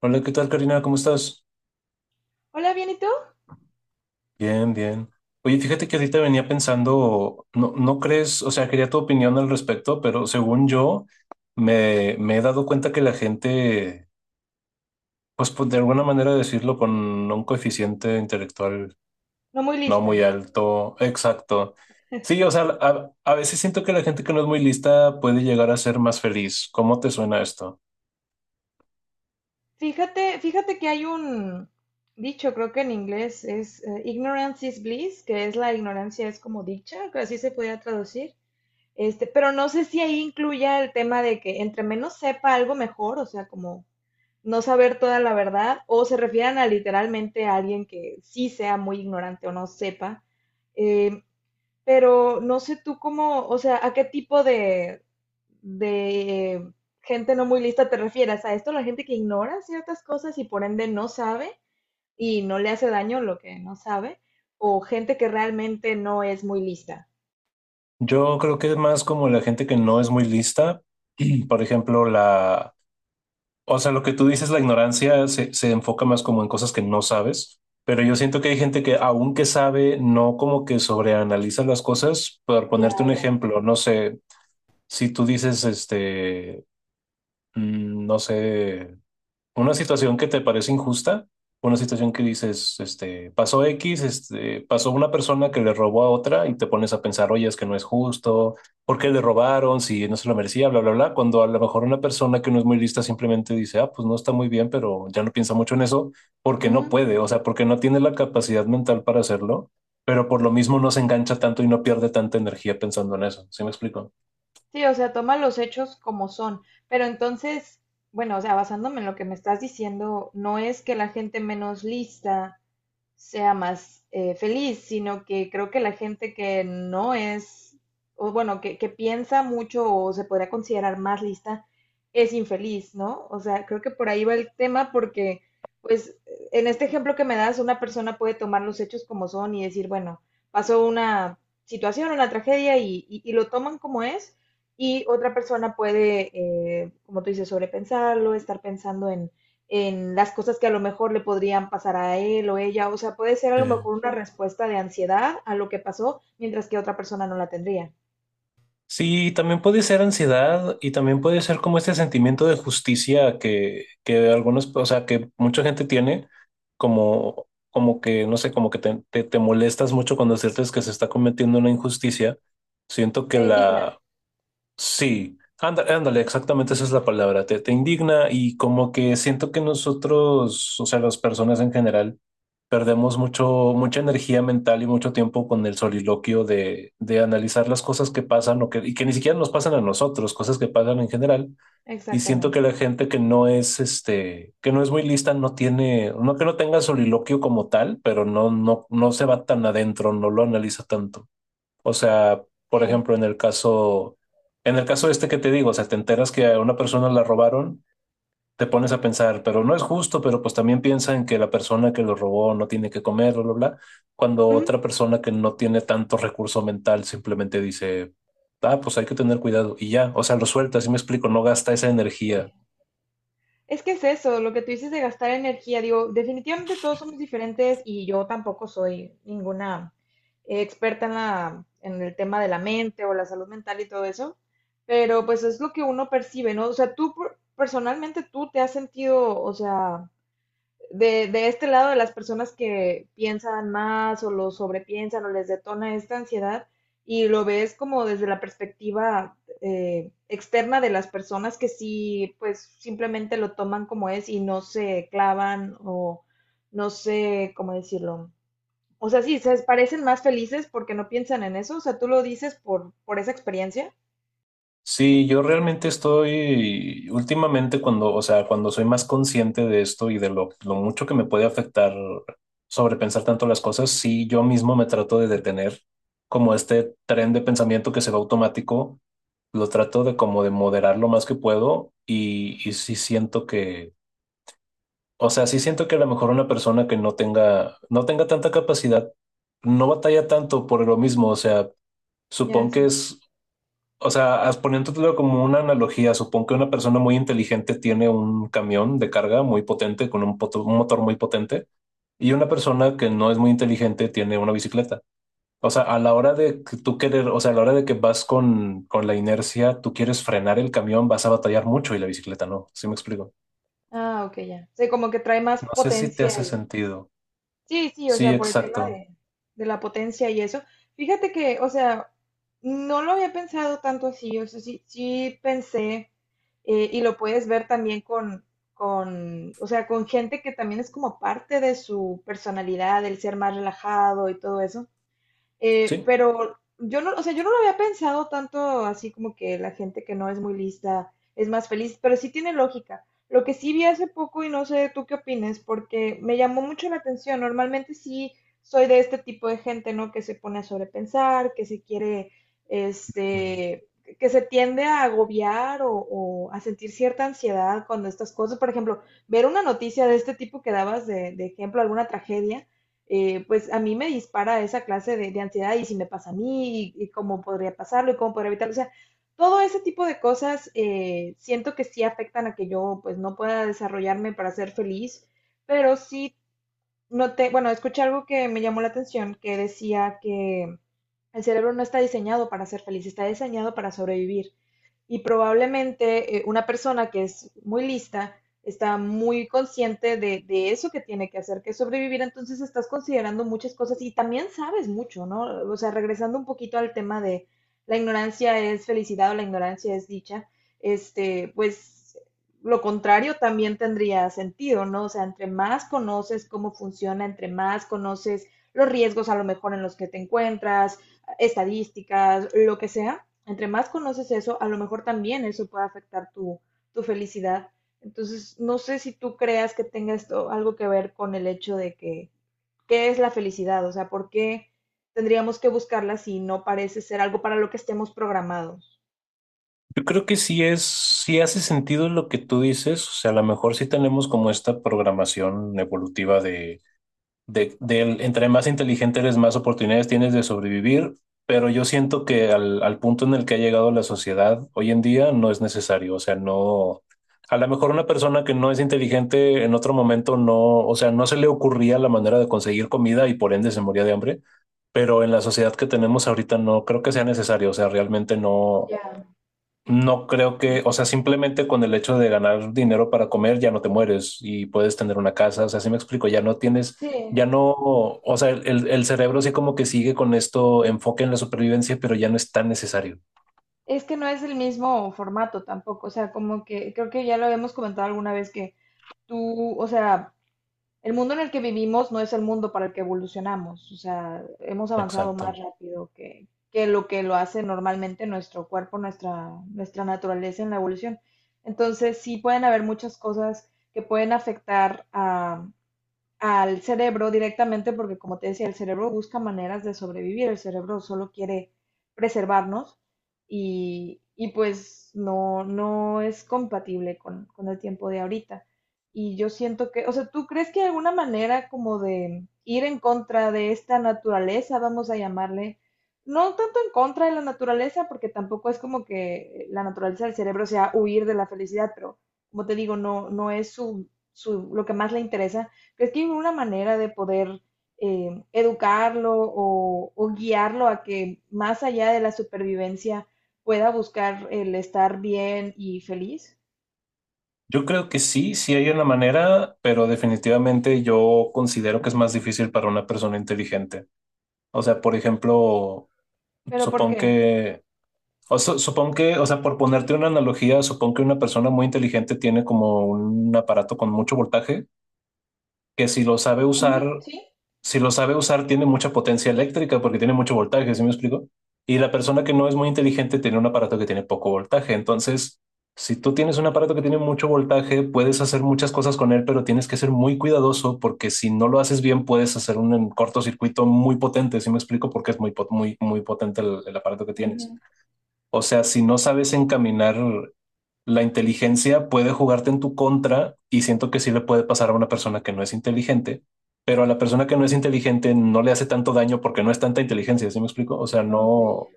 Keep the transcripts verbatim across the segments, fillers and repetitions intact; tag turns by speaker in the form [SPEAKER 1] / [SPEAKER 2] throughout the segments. [SPEAKER 1] Hola, ¿qué tal, Karina? ¿Cómo estás?
[SPEAKER 2] Hola, bien, ¿y tú?
[SPEAKER 1] Bien, bien. Oye, fíjate que ahorita venía pensando, no, no crees, o sea, quería tu opinión al respecto, pero según yo, me, me he dado cuenta que la gente, pues, pues, de alguna manera decirlo, con un coeficiente intelectual
[SPEAKER 2] No muy
[SPEAKER 1] no muy
[SPEAKER 2] lista.
[SPEAKER 1] alto, exacto. Sí, o sea, a, a veces siento que la gente que no es muy lista puede llegar a ser más feliz. ¿Cómo te suena esto?
[SPEAKER 2] Fíjate, fíjate que hay un dicho, creo que en inglés es eh, ignorance is bliss, que es la ignorancia es como dicha, que así se podría traducir. Este, pero no sé si ahí incluya el tema de que entre menos sepa algo mejor, o sea, como no saber toda la verdad, o se refieran a literalmente a alguien que sí sea muy ignorante o no sepa. Em, pero no sé tú cómo, o sea, a qué tipo de, de gente no muy lista te refieres. ¿A esto la gente que ignora ciertas cosas y por ende no sabe y no le hace daño lo que no sabe? ¿O gente que realmente no es muy lista?
[SPEAKER 1] Yo creo que es más como la gente que no es muy lista. Por ejemplo, la, o sea, lo que tú dices, la ignorancia se, se enfoca más como en cosas que no sabes, pero yo siento que hay gente que aunque sabe, no como que sobreanaliza las cosas. Por
[SPEAKER 2] Ya,
[SPEAKER 1] ponerte un
[SPEAKER 2] ya, ya.
[SPEAKER 1] ejemplo, no sé, si tú dices, este, mm, no sé, una situación que te parece injusta, una situación que dices, este, pasó X, este, pasó una persona que le robó a otra y te pones a pensar, oye, es que no es justo, ¿por qué le robaron? Si no se lo merecía, bla, bla, bla, cuando a lo mejor una persona que no es muy lista simplemente dice, ah, pues no está muy bien, pero ya no piensa mucho en eso, porque no
[SPEAKER 2] Ujú.
[SPEAKER 1] puede, o sea, porque no tiene la capacidad mental para hacerlo, pero por lo mismo no se engancha tanto y no pierde tanta energía pensando en eso, ¿sí me explico?
[SPEAKER 2] Sí, o sea, toma los hechos como son. Pero entonces, bueno, o sea, basándome en lo que me estás diciendo, no es que la gente menos lista sea más eh, feliz, sino que creo que la gente que no es, o bueno, que, que piensa mucho o se podría considerar más lista, es infeliz, ¿no? O sea, creo que por ahí va el tema porque, pues, en este ejemplo que me das, una persona puede tomar los hechos como son y decir, bueno, pasó una situación, una tragedia y, y- y lo toman como es, y otra persona puede, eh, como tú dices, sobrepensarlo, estar pensando en las cosas que a lo mejor le podrían pasar a él o ella. O sea, puede ser a
[SPEAKER 1] Sí.
[SPEAKER 2] lo mejor una respuesta de ansiedad a lo que pasó, mientras que otra persona no la tendría.
[SPEAKER 1] Sí, también puede ser ansiedad y también puede ser como este sentimiento de justicia que, que algunos, o sea, que mucha gente tiene, como, como que, no sé, como que te, te, te molestas mucho cuando sientes que se está cometiendo una injusticia. Siento que
[SPEAKER 2] Te indigna.
[SPEAKER 1] la... Sí, anda- ándale, exactamente esa es la palabra, te, te indigna y como que siento que nosotros, o sea, las personas en general, perdemos mucho, mucha energía mental y mucho tiempo con el soliloquio de, de analizar las cosas que pasan o que, y que ni siquiera nos pasan a nosotros, cosas que pasan en general. Y siento que
[SPEAKER 2] Exactamente,
[SPEAKER 1] la
[SPEAKER 2] sí.
[SPEAKER 1] gente que no es, este, que no es muy lista, no tiene, no que no tenga soliloquio como tal, pero no, no, no se va tan adentro, no lo analiza tanto. O sea, por
[SPEAKER 2] Sí.
[SPEAKER 1] ejemplo, en el caso, en el caso este que te digo, o sea, te enteras que a una persona la robaron, te pones a pensar, pero no es justo, pero pues también piensa en que la persona que lo robó no tiene que comer, bla, bla, bla, cuando
[SPEAKER 2] Ujú.
[SPEAKER 1] otra persona que no tiene tanto recurso mental simplemente dice, ah, pues hay que tener cuidado y ya, o sea, lo suelta, así me explico, no gasta esa energía.
[SPEAKER 2] Es que es eso, lo que tú dices de gastar energía, digo, definitivamente todos somos diferentes y yo tampoco soy ninguna eh, experta en la, en el tema de la mente o la salud mental y todo eso, pero pues es lo que uno percibe, ¿no? O sea, tú por- personalmente tú te has sentido, o sea, de, de este lado de las personas que piensan más o lo sobrepiensan o les detona esta ansiedad y lo ves como desde la perspectiva eh, externa de las personas que sí, pues simplemente lo toman como es y no se clavan o no sé cómo decirlo. O sea, sí, se parecen más felices porque no piensan en eso. O sea, tú lo dices por, por esa experiencia.
[SPEAKER 1] Sí, yo realmente estoy últimamente cuando, o sea, cuando soy más consciente de esto y de lo, lo mucho que me puede afectar sobrepensar tanto las cosas, sí, yo mismo me trato de detener como este tren de pensamiento que se va automático, lo trato de como de moderar lo más que puedo y, y sí siento que, o sea, sí siento que a lo mejor una persona que no tenga, no tenga tanta capacidad, no batalla tanto por lo mismo, o sea,
[SPEAKER 2] Ya,
[SPEAKER 1] supongo que
[SPEAKER 2] sí.
[SPEAKER 1] es, o sea, as- poniéndotelo como una analogía, supongo que una persona muy inteligente tiene un camión de carga muy potente con un, poto- un motor muy potente, y una persona que no es muy inteligente tiene una bicicleta. O sea, a la hora de que tú querer, o sea, a la hora de que vas con, con la inercia, tú quieres frenar el camión, vas a batallar mucho y la bicicleta no. ¿Sí me explico?
[SPEAKER 2] Ah, ok, ya. O sea, como que trae más
[SPEAKER 1] No sé si te
[SPEAKER 2] potencia
[SPEAKER 1] hace
[SPEAKER 2] y...
[SPEAKER 1] sentido.
[SPEAKER 2] Sí, sí, o
[SPEAKER 1] Sí,
[SPEAKER 2] sea, por el tema
[SPEAKER 1] exacto.
[SPEAKER 2] de, de la potencia y eso. Fíjate que, o sea, no lo había pensado tanto así, o sea, sí, sí pensé, eh, y lo puedes ver también con, con, o sea, con gente que también es como parte de su personalidad, el ser más relajado y todo eso. Eh,
[SPEAKER 1] Sí.
[SPEAKER 2] pero yo no, o sea, yo no lo había pensado tanto así como que la gente que no es muy lista es más feliz, pero sí tiene lógica. Lo que sí vi hace poco y no sé tú qué opines, porque me llamó mucho la atención. Normalmente sí soy de este tipo de gente, ¿no? Que se pone a sobrepensar, que se quiere, este, que se tiende a agobiar o, o a sentir cierta ansiedad cuando estas cosas, por ejemplo, ver una noticia de este tipo que dabas de, de ejemplo, alguna tragedia, eh, pues a mí me dispara esa clase de, de ansiedad y si me pasa a mí y, y, cómo podría pasarlo y cómo podría evitarlo. O sea, todo ese tipo de cosas, eh, siento que sí afectan a que yo pues no pueda desarrollarme para ser feliz, pero sí noté, bueno, escuché algo que me llamó la atención que decía que el cerebro no está diseñado para ser feliz, está diseñado para sobrevivir y probablemente, eh, una persona que es muy lista está muy consciente de, de, eso que tiene que hacer, que es sobrevivir, entonces estás considerando muchas cosas y también sabes mucho, ¿no? O sea, regresando un poquito al tema de la ignorancia es felicidad o la ignorancia es dicha, este, pues lo contrario también tendría sentido, ¿no? O sea, entre más conoces cómo funciona, entre más conoces los riesgos a lo mejor en los que te encuentras, estadísticas, lo que sea, entre más conoces eso, a lo mejor también eso puede afectar tu, tu felicidad. Entonces, no sé si tú creas que tenga esto algo que ver con el hecho de que, ¿qué es la felicidad? O sea, ¿por qué tendríamos que buscarla si no parece ser algo para lo que estemos programados?
[SPEAKER 1] Yo creo que sí es, sí hace sentido lo que tú dices, o sea, a lo mejor sí tenemos como esta programación evolutiva de, de, del entre más inteligente eres, más oportunidades tienes de sobrevivir, pero yo siento que al, al punto en el que ha llegado la sociedad hoy en día no es necesario, o sea, no, a lo mejor una persona que no es inteligente en otro momento no, o sea, no se le ocurría la manera de conseguir comida y por ende se moría de hambre, pero en la sociedad que tenemos ahorita no creo que sea necesario, o sea, realmente no.
[SPEAKER 2] Ya.
[SPEAKER 1] No creo que, o sea, simplemente con el hecho de ganar dinero para comer ya no te mueres y puedes tener una casa, o sea, sí me explico, ya no tienes,
[SPEAKER 2] Sí,
[SPEAKER 1] ya no, o sea, el, el- el cerebro sí como que sigue con esto enfoque en la supervivencia, pero ya no es tan necesario.
[SPEAKER 2] es que no es el mismo formato tampoco, o sea, como que creo que ya lo habíamos comentado alguna vez que tú, o sea, el mundo en el que vivimos no es el mundo para el que evolucionamos, o sea, hemos avanzado
[SPEAKER 1] Exacto.
[SPEAKER 2] más rápido que, que lo que lo hace normalmente nuestro cuerpo, nuestra, nuestra naturaleza en la evolución. Entonces, sí pueden haber muchas cosas que pueden afectar a, al cerebro directamente porque, como te decía, el cerebro busca maneras de sobrevivir, el cerebro solo quiere preservarnos y, y pues no, no es compatible con, con el tiempo de ahorita. Y yo siento que, o sea, ¿tú crees que hay alguna manera como de ir en contra de esta naturaleza, vamos a llamarle? No tanto en contra de la naturaleza, porque tampoco es como que la naturaleza del cerebro sea huir de la felicidad, pero como te digo, no, no es su, su, lo que más le interesa. ¿Crees que hay una manera de poder, eh, educarlo o, o guiarlo a que más allá de la supervivencia pueda buscar el estar bien y feliz?
[SPEAKER 1] Yo creo que sí, sí hay una manera, pero definitivamente yo considero que es más difícil para una persona inteligente. O sea, por ejemplo,
[SPEAKER 2] ¿Pero por
[SPEAKER 1] supongo
[SPEAKER 2] qué?
[SPEAKER 1] que... O su- supongo que, o sea, por ponerte una analogía, supongo que una persona muy inteligente tiene como un aparato con mucho voltaje, que si lo sabe
[SPEAKER 2] Ujú,
[SPEAKER 1] usar,
[SPEAKER 2] sí.
[SPEAKER 1] si lo sabe usar, tiene mucha potencia eléctrica porque tiene mucho voltaje, ¿sí me explico? Y la persona que no es muy inteligente tiene un aparato que tiene poco voltaje. Entonces, si tú tienes un aparato que tiene mucho voltaje, puedes hacer muchas cosas con él, pero tienes que ser muy cuidadoso porque si no lo haces bien, puedes hacer un cortocircuito muy potente, ¿sí me explico? Porque es muy, pot- muy, muy potente el el aparato que tienes.
[SPEAKER 2] Ujú.
[SPEAKER 1] O sea, si no sabes encaminar la inteligencia, puede jugarte en tu contra y siento que sí le puede pasar a una persona que no es inteligente, pero a la persona que no es inteligente no le hace tanto daño porque no es tanta inteligencia, ¿sí me explico? O sea, no,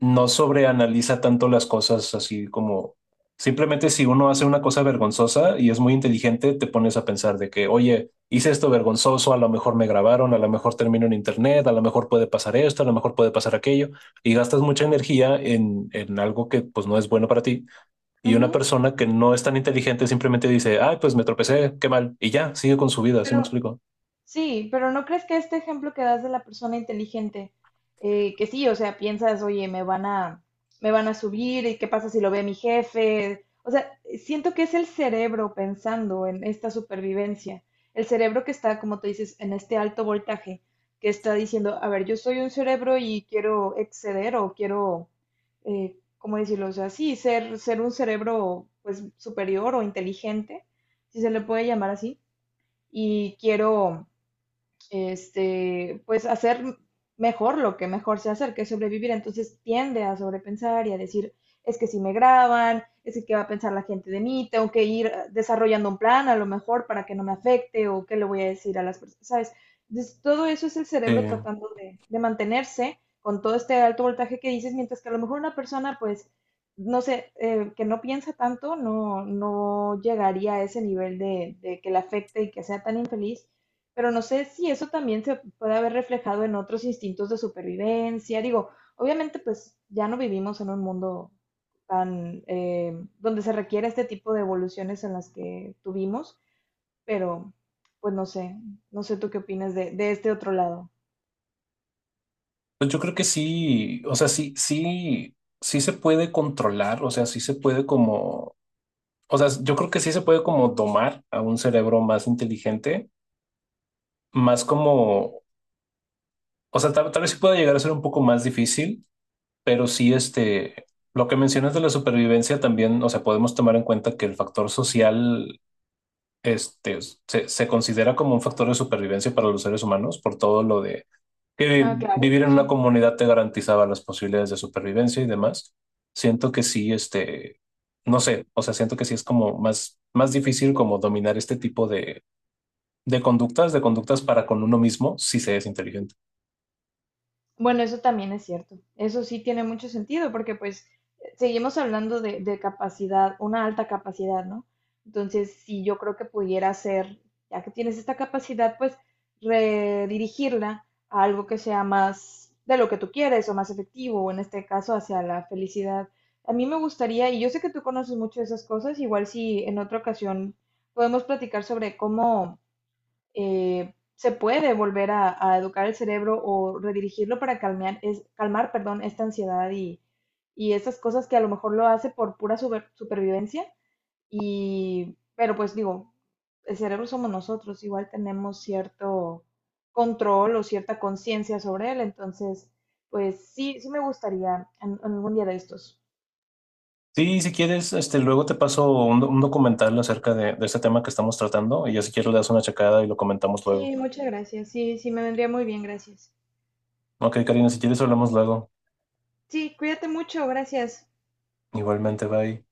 [SPEAKER 1] no sobreanaliza tanto las cosas, así como simplemente si uno hace una cosa vergonzosa y es muy inteligente, te pones a pensar de que, oye, hice esto vergonzoso, a lo mejor me grabaron, a lo mejor termino en internet, a lo mejor puede pasar esto, a lo mejor puede pasar aquello, y gastas mucha energía en, en algo que pues no es bueno para ti. Y una
[SPEAKER 2] Ujú.
[SPEAKER 1] persona que no es tan inteligente simplemente dice, ay, pues me tropecé, qué mal, y ya, sigue con su vida, ¿sí me
[SPEAKER 2] Pero
[SPEAKER 1] explico?
[SPEAKER 2] sí, pero ¿no crees que este ejemplo que das de la persona inteligente, eh, que sí, o sea, piensas, oye, me van a, me van a subir, ¿y qué pasa si lo ve mi jefe? O sea, siento que es el cerebro pensando en esta supervivencia, el cerebro que está, como te dices, en este alto voltaje, que está diciendo, a ver, yo soy un cerebro y quiero exceder o quiero, eh, ¿cómo decirlo? O sea, sí, ser, ser un cerebro, pues, superior o inteligente, si se le puede llamar así, y quiero, este, pues hacer mejor lo que mejor se hacer, que es sobrevivir. Entonces tiende a sobrepensar y a decir, es que si me graban, es que qué va a pensar la gente de mí, tengo que ir ah, desarrollando un plan a lo mejor para que no me afecte o qué le voy a decir a las personas, ¿sabes? Entonces, todo eso es el
[SPEAKER 1] Sí.
[SPEAKER 2] cerebro tratando de, de mantenerse con todo este alto voltaje que dices, mientras que a lo mejor una persona, pues, no sé, eh, que no piensa tanto, no, no llegaría a ese nivel de, de que le afecte y que sea tan infeliz, pero no sé si eso también se puede haber reflejado en otros instintos de supervivencia. Digo, obviamente pues ya no vivimos en un mundo tan, eh, donde se requiere este tipo de evoluciones en las que tuvimos, pero pues no sé, no sé tú qué opinas de, de este otro lado.
[SPEAKER 1] Pues yo creo que sí, o sea, sí, sí, sí se puede controlar, o sea, sí se puede como, o sea, yo creo que sí se puede como domar a un cerebro más inteligente, más como, o sea, tal, tal vez sí pueda llegar a ser un poco más difícil, pero sí, este, lo que mencionas de la supervivencia también, o sea, podemos tomar en cuenta que el factor social, este, se, se considera como un factor de supervivencia para los seres humanos por todo lo de que
[SPEAKER 2] Ah,
[SPEAKER 1] vi-
[SPEAKER 2] claro,
[SPEAKER 1] vivir en una
[SPEAKER 2] sí.
[SPEAKER 1] comunidad te garantizaba las posibilidades de supervivencia y demás. Siento que sí, este, no sé, o sea, siento que sí es como más, más difícil como dominar este tipo de, de conductas, de conductas para con uno mismo, si se es inteligente.
[SPEAKER 2] Bueno, eso también es cierto. Eso sí tiene mucho sentido porque pues seguimos hablando de, de capacidad, una alta capacidad, ¿no? Entonces, si yo creo que pudiera ser, ya que tienes esta capacidad, pues redirigirla a algo que sea más de lo que tú quieres o más efectivo, o en este caso hacia la felicidad. A mí me gustaría, y yo sé que tú conoces mucho de esas cosas, igual si en otra ocasión podemos platicar sobre cómo, eh, se puede volver a, a educar el cerebro o redirigirlo para calmar, es, calmar, perdón, esta ansiedad y, y estas cosas que a lo mejor lo hace por pura super- supervivencia. Y, pero pues digo, el cerebro somos nosotros, igual tenemos cierto control o cierta conciencia sobre él. Entonces, pues sí, sí me gustaría en, en algún día de estos.
[SPEAKER 1] Sí, si quieres, este, luego te paso un, un documental acerca de, de este tema que estamos tratando y ya si quieres le das una checada y lo comentamos luego.
[SPEAKER 2] Sí, muchas gracias. Sí, sí me vendría muy bien, gracias.
[SPEAKER 1] Ok, Karina, si quieres hablamos luego.
[SPEAKER 2] Sí, cuídate mucho, gracias.
[SPEAKER 1] Igualmente, bye.